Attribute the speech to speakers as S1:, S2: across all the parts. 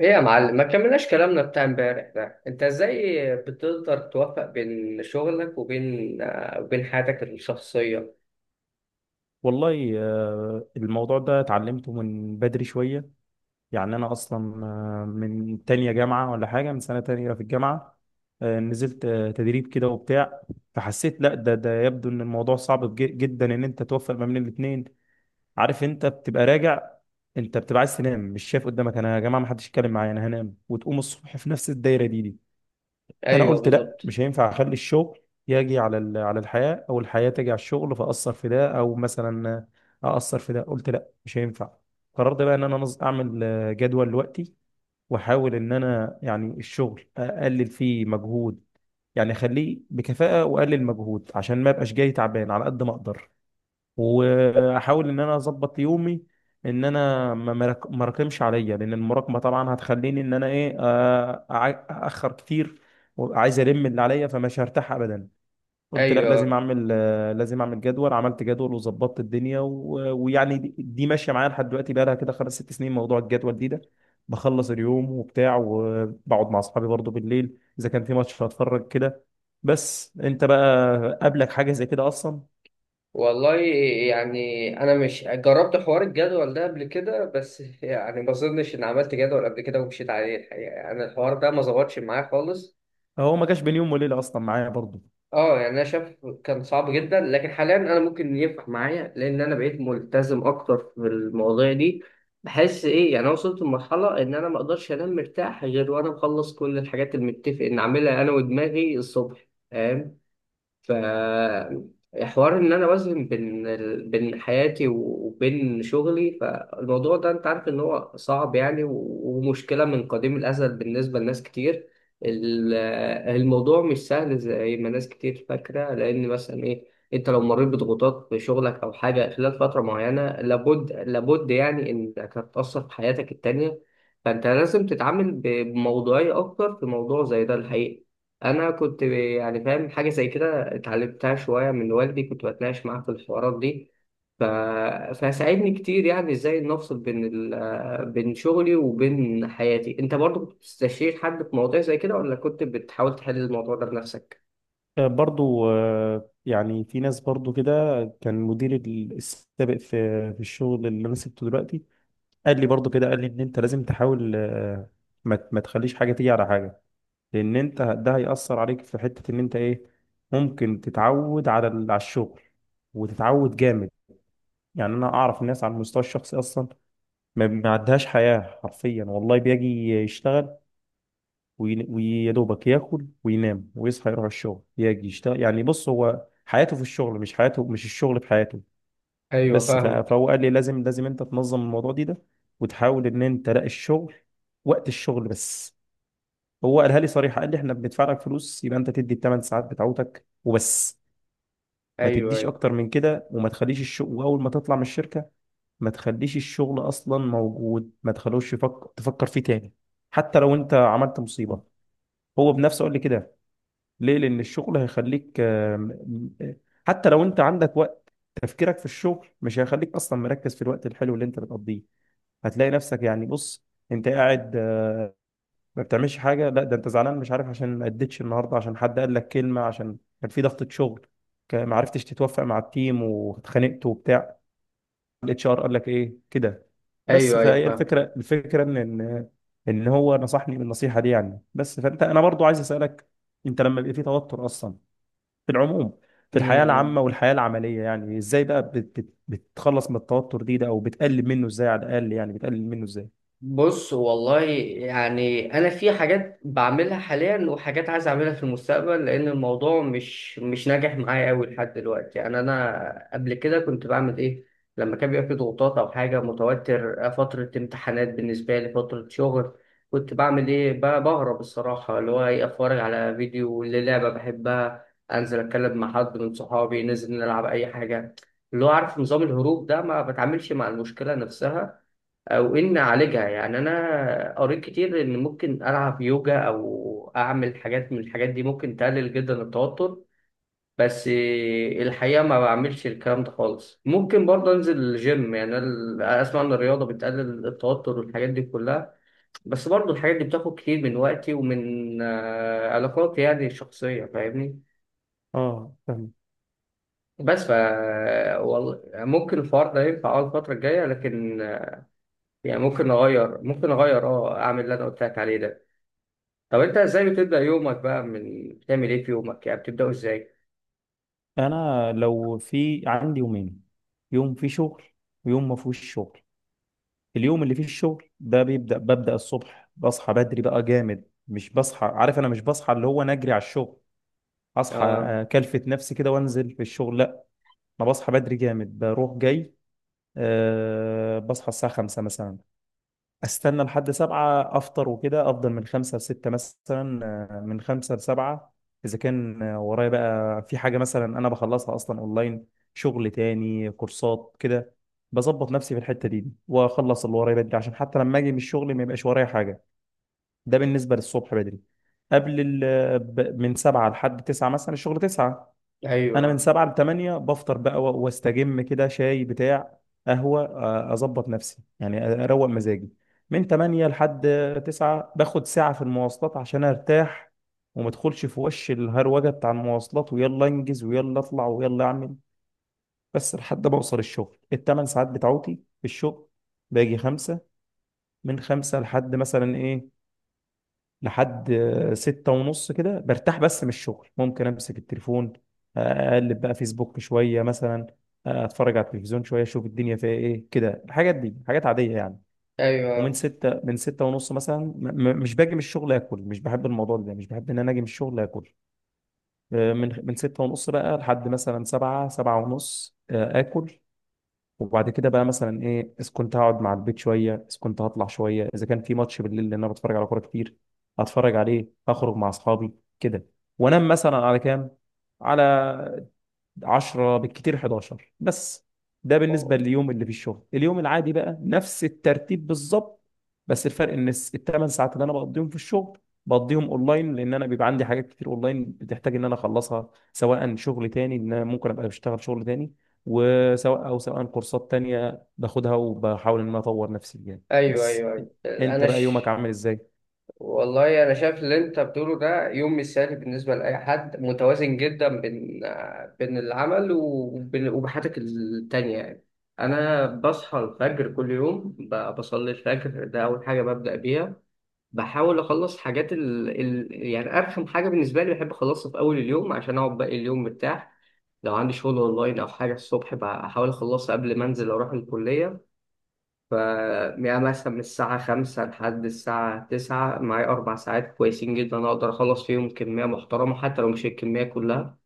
S1: ايه يا معلم، ما كملناش كلامنا بتاع امبارح ده. انت ازاي بتقدر توفق بين شغلك وبين وبين حياتك الشخصية؟
S2: والله الموضوع ده اتعلمته من بدري شوية. يعني أنا أصلا من تانية جامعة ولا حاجة، من سنة تانية في الجامعة نزلت تدريب كده وبتاع. فحسيت لا ده يبدو إن الموضوع صعب جدا إن أنت توفق ما بين الاتنين. عارف أنت بتبقى راجع، أنت بتبقى عايز تنام، مش شايف قدامك. أنا يا جماعة ما حدش يتكلم معايا، أنا هنام وتقوم الصبح في نفس الدايرة دي. انا
S1: ايوه
S2: قلت لا
S1: بالظبط.
S2: مش هينفع اخلي الشغل يجي على على الحياه، او الحياه تجي على الشغل، فاثر في ده او مثلا اثر في ده. قلت لا مش هينفع. قررت بقى ان انا اعمل جدول لوقتي، واحاول ان انا يعني الشغل اقلل فيه مجهود. يعني اخليه بكفاءه واقلل مجهود عشان ما ابقاش جاي تعبان على قد ما اقدر. واحاول ان انا اظبط يومي، ان انا ما راكمش عليا، لان المراكمه طبعا هتخليني ان انا ايه، اخر كتير وعايز الم اللي عليا، فمش هرتاح ابدا. قلت لا لازم
S1: ايوه
S2: اعمل لازم اعمل جدول. عملت جدول وظبطت الدنيا ويعني دي ماشيه معايا لحد دلوقتي، بقى لها كده خمس ست سنين موضوع الجدول ده. بخلص اليوم وبتاع وبقعد مع اصحابي برضو بالليل، اذا كان في ماتش هتفرج كده. بس انت بقى قابلك حاجه زي كده اصلا؟
S1: والله، يعني انا مش جربت حوار الجدول ده قبل كده. بس يعني ما اظنش ان عملت جدول قبل كده ومشيت عليه الحقيقة. يعني الحوار ده ما ظبطش معايا خالص.
S2: هو ما جاش بين يوم وليله اصلا معايا برضو.
S1: اه يعني انا شايف كان صعب جدا، لكن حاليا انا ممكن ينفع معايا لان انا بقيت ملتزم اكتر في المواضيع دي. بحس ايه، يعني انا وصلت لمرحله ان انا ما اقدرش انام مرتاح غير وانا مخلص كل الحاجات اللي متفق ان اعملها انا ودماغي الصبح، فاهم؟ ف حوار ان انا اوازن بين بين حياتي وبين شغلي، فالموضوع ده انت عارف ان هو صعب يعني، ومشكله من قديم الازل بالنسبه لناس كتير. ال- الموضوع مش سهل زي ما ناس كتير فاكره، لان مثلا ايه، انت لو مريت بضغوطات في شغلك او حاجه خلال فتره معينه، لابد يعني انك هتاثر في حياتك التانيه. فانت لازم تتعامل بموضوعيه اكتر في موضوع زي ده الحقيقه. انا كنت يعني فاهم حاجه زي كده، اتعلمتها شوية من والدي، كنت بتناقش معاه في الحوارات دي. ف... فساعدني كتير يعني ازاي نفصل بين بين شغلي وبين حياتي. انت برضو كنت بتستشير حد في مواضيع زي كده، ولا كنت بتحاول تحل الموضوع ده بنفسك؟
S2: برضو يعني في ناس برضو كده. كان مدير السابق في في الشغل اللي انا سبته دلوقتي قال لي برضو كده، قال لي ان انت لازم تحاول، ما تخليش حاجه تيجي على حاجه، لان انت ده هيأثر عليك في حته ان انت ايه، ممكن تتعود على على الشغل وتتعود جامد. يعني انا اعرف الناس على المستوى الشخصي اصلا ما عندهاش حياه حرفيا. والله بيجي يشتغل، ويا دوبك ياكل وينام ويصحى يروح الشغل يجي يشتغل. يعني بص، هو حياته في الشغل، مش حياته، مش الشغل في حياته.
S1: ايوه
S2: بس
S1: فاهمك.
S2: فهو قال لي لازم لازم انت تنظم الموضوع ده، وتحاول ان انت لا، الشغل وقت الشغل بس. هو قالها لي صريحه، قال لي احنا بندفع لك فلوس، يبقى انت تدي الثمان ساعات بتاعتك وبس. ما
S1: ايوه
S2: تديش
S1: ايوه.
S2: اكتر من كده، وما تخليش الشغل، واول ما تطلع من الشركه ما تخليش الشغل اصلا موجود، ما تخلوش تفكر فيه تاني، حتى لو انت عملت مصيبه. هو بنفسه قال لي كده. ليه؟ لأن الشغل هيخليك آم، حتى لو أنت عندك وقت، تفكيرك في الشغل مش هيخليك أصلا مركز في الوقت الحلو اللي أنت بتقضيه. هتلاقي نفسك يعني بص، أنت قاعد ما بتعملش حاجة، لا ده أنت زعلان مش عارف، عشان ما أديتش النهاردة، عشان حد قال لك كلمة، عشان كان في ضغطة شغل، ما عرفتش تتوافق مع التيم واتخانقت وبتاع، الاتش ار قال لك إيه كده. بس
S1: ايوه ايوه
S2: فهي
S1: فاهم.
S2: الفكرة، الفكرة إن إن هو نصحني بالنصيحة دي يعني. بس فأنت، أنا برضو عايز أسألك، أنت لما بيبقى في توتر أصلا، في العموم، في الحياة العامة
S1: امم
S2: والحياة العملية، يعني ازاي بقى بت بت بتخلص من التوتر ده، او بتقلل منه ازاي على الاقل؟ يعني بتقلل منه ازاي؟
S1: بص والله، يعني انا في حاجات بعملها حاليا وحاجات عايز اعملها في المستقبل، لان الموضوع مش ناجح معايا قوي لحد دلوقتي. يعني انا قبل كده كنت بعمل ايه، لما كان بيبقى في ضغوطات او حاجه متوتر، فتره امتحانات بالنسبه لي، فتره شغل، كنت بعمل ايه، بهرب الصراحه، اللي هو ايه، اتفرج على فيديو للعبه بحبها، انزل اتكلم مع حد من صحابي، ننزل نلعب اي حاجه. اللي هو عارف نظام الهروب ده، ما بتعاملش مع المشكله نفسها او ان اعالجها. يعني انا قريت كتير ان ممكن العب يوجا او اعمل حاجات من الحاجات دي ممكن تقلل جدا التوتر، بس الحقيقه ما بعملش الكلام ده خالص. ممكن برضه انزل الجيم، يعني أنا اسمع ان الرياضه بتقلل التوتر والحاجات دي كلها، بس برضه الحاجات دي بتاخد كتير من وقتي ومن علاقاتي يعني الشخصيه، فاهمني؟
S2: اه فاهم.
S1: بس ف والله ممكن الحوار ده ينفع اه الفتره الجايه، لكن يعني ممكن اغير اه اعمل اللي انا قلت لك عليه ده. طب انت ازاي بتبدأ يومك بقى، من بتعمل ايه في يومك، يعني بتبدأه ازاي؟
S2: انا لو في عندي يومين، يوم فيه شغل ويوم ما فيهوش شغل. اليوم اللي فيه الشغل ده بيبدأ، ببدأ الصبح بصحى بدري بقى جامد، مش بصحى عارف انا، مش بصحى اللي هو نجري على الشغل، اصحى
S1: اه.
S2: اكلفت نفسي كده وانزل في الشغل، لا. انا بصحى بدري جامد بروح جاي. أه بصحى الساعة 5 مثلا، استنى لحد سبعة افطر، وكده، افضل من خمسة لستة مثلا، من خمسة لسبعة اذا كان ورايا بقى في حاجة مثلا انا بخلصها اصلا اونلاين. شغل تاني، كورسات كده، بظبط نفسي في الحتة دي واخلص اللي ورايا بدري عشان حتى لما اجي من الشغل ما يبقاش ورايا حاجة. ده بالنسبة للصبح بدري. قبل ال من سبعة لحد تسعة مثلا، الشغل تسعة، انا من
S1: ايوه
S2: سبعة لتمانية بفطر بقى واستجم كده، شاي بتاع قهوة، اظبط نفسي يعني اروق مزاجي. من تمانية لحد تسعة باخد ساعة في المواصلات عشان ارتاح، ومدخلش في وش الهروجة بتاع المواصلات، ويلا انجز ويلا اطلع ويلا اعمل، بس لحد ما اوصل الشغل. التمن ساعات بتاعتي في الشغل، باجي خمسة. من خمسة لحد مثلا ايه، لحد ستة ونص كده برتاح بس من الشغل، ممكن امسك التليفون، اقلب بقى فيسبوك شوية مثلا، اتفرج على التلفزيون شوية، اشوف الدنيا فيها ايه كده، الحاجات دي حاجات عادية يعني. ومن
S1: ايوه.
S2: ستة، من ستة ونص مثلا مش باجي من الشغل اكل، مش بحب الموضوع ده، مش بحب ان انا اجي من الشغل اكل. من ستة ونص بقى لحد مثلا سبعة، سبعة ونص اكل. وبعد كده بقى مثلا ايه، اذا كنت هقعد مع البيت شويه، اذا كنت هطلع شويه، اذا كان في ماتش بالليل لان انا بتفرج على كوره كتير هتفرج عليه، اخرج مع اصحابي كده. وانام مثلا على كام، على 10 بالكتير 11 بس. ده بالنسبة
S1: أوه.
S2: لليوم اللي في الشغل. اليوم العادي بقى نفس الترتيب بالظبط، بس الفرق ان الثمان ساعات اللي انا بقضيهم في الشغل بقضيهم اونلاين، لان انا بيبقى عندي حاجات كتير اونلاين بتحتاج ان انا اخلصها، سواء شغل تاني ان انا ممكن ابقى بشتغل شغل تاني، وسواء او سواء كورسات تانية باخدها وبحاول ان انا اطور نفسي فيها.
S1: ايوه
S2: بس
S1: ايوه ايوه
S2: انت
S1: انا
S2: بقى يومك
S1: ش...
S2: عامل ازاي؟
S1: والله انا شايف اللي انت بتقوله ده يوم مثالي بالنسبه لاي حد، متوازن جدا بين بين العمل وبين وبحياتك التانيه يعني. انا بصحى الفجر كل يوم، بصلي الفجر، ده اول حاجه ببدا بيها. بحاول اخلص حاجات يعني ارخم حاجه بالنسبه لي بحب اخلصها في اول اليوم، عشان اقعد باقي اليوم مرتاح. لو عندي شغل اونلاين او حاجه الصبح بحاول اخلصها قبل ما انزل اروح الكليه. ف يعني مثلا من الساعه 5 لحد الساعه 9 معايا اربع ساعات كويسين جدا، اقدر اخلص فيهم كميه محترمه حتى لو مش الكميه كلها.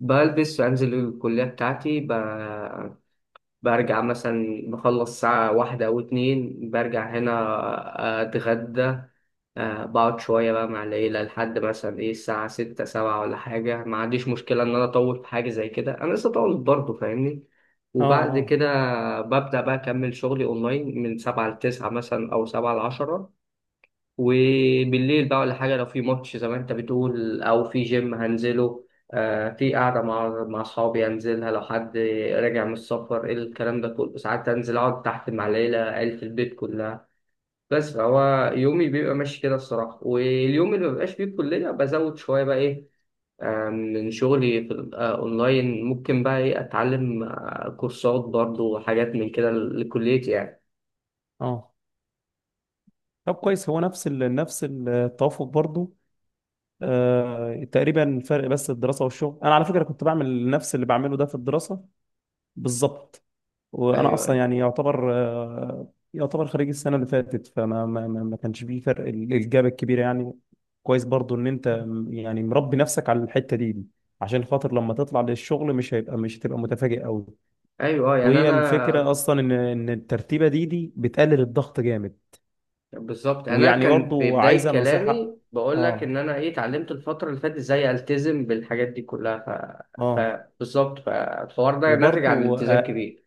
S1: بلبس وانزل الكليه بتاعتي برجع مثلا، بخلص ساعة واحدة أو اتنين برجع هنا أتغدى. آه بقعد شوية بقى مع العيلة لحد مثلا إيه الساعة ستة سبعة ولا حاجة، ما عنديش مشكلة إن أنا أطول في حاجة زي كده، أنا لسه طولت برضه فاهمني.
S2: اه،
S1: وبعد
S2: اه،
S1: كده ببدأ بقى أكمل شغلي أونلاين من سبعة لتسعة مثلا أو سبعة لعشرة. وبالليل بقى ولا حاجة، لو في ماتش زي ما أنت بتقول أو في جيم هنزله، آه في قعدة مع مع أصحابي هنزلها لو حد راجع من السفر إيه الكلام ده كله، ساعات أنزل أقعد تحت مع العيلة، عيلة البيت كلها. بس فهو يومي بيبقى ماشي كده الصراحة. واليوم اللي مبقاش فيه الكلية بزود شوية بقى إيه من شغلي في أونلاين، ممكن بقى إيه أتعلم كورسات برضو وحاجات من كده لكليتي يعني.
S2: اه. طب كويس، هو نفس نفس التوافق برضو، تقريبا. فرق بس الدراسة والشغل. أنا على فكرة كنت بعمل نفس اللي بعمله ده في الدراسة بالظبط، وأنا
S1: أيوه
S2: أصلا
S1: أيوه
S2: يعني يعتبر يعتبر خريج السنة اللي فاتت، فما ما ما ما كانش فيه فرق الجاب الكبير يعني. كويس برضو إن أنت يعني مربي نفسك على الحتة دي، عشان خاطر لما تطلع للشغل مش هيبقى، مش هتبقى متفاجئ قوي.
S1: أيوه. يعني
S2: وهي
S1: أنا
S2: الفكرة أصلا إن الترتيبة دي بتقلل الضغط جامد.
S1: بالظبط، يعني أنا
S2: ويعني
S1: كان في
S2: برضو
S1: بداية
S2: عايزة
S1: كلامي
S2: نصيحة.
S1: بقول لك إن
S2: آه،
S1: أنا إيه اتعلمت الفترة اللي فاتت إزاي ألتزم بالحاجات دي كلها
S2: آه.
S1: بالظبط، فالحوار ده ناتج عن
S2: وبرضو
S1: التزام كبير.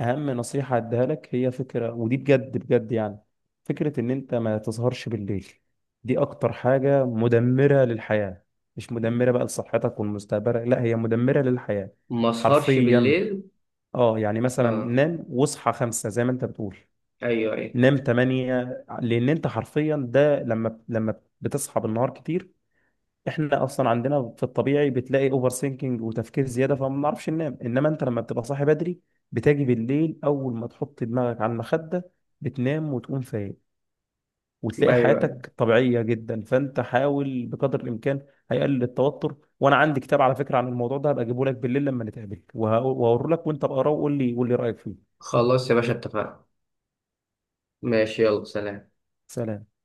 S2: اهم نصيحه اديها لك هي فكره، ودي بجد بجد يعني، فكره ان انت ما تسهرش بالليل. دي اكتر حاجه مدمره للحياه، مش مدمره بقى لصحتك والمستقبل، لا هي مدمره للحياه
S1: ما أسهرش
S2: حرفيا.
S1: بالليل؟
S2: اه يعني مثلا
S1: أه.
S2: نام واصحى خمسة زي ما انت بتقول،
S1: أيوه أيوه
S2: نام تمانية، لان انت حرفيا ده لما بتصحى بالنهار كتير، احنا اصلا عندنا في الطبيعي بتلاقي اوفر سينكينج وتفكير زياده فما بنعرفش ننام. انما انت لما بتبقى صاحي بدري، بتاجي بالليل اول ما تحط دماغك على المخده بتنام وتقوم فايق، وتلاقي
S1: أيوه.
S2: حياتك طبيعيه جدا. فانت حاول بقدر الامكان، هيقلل التوتر. وانا عندي كتاب على فكره عن الموضوع ده، هبقى اجيبه لك بالليل لما نتقابل، وهوريه لك وانت بقراه، وقول لي رايك فيه.
S1: خلاص يا باشا اتفقنا. ماشي، يلا سلام.
S2: سلام.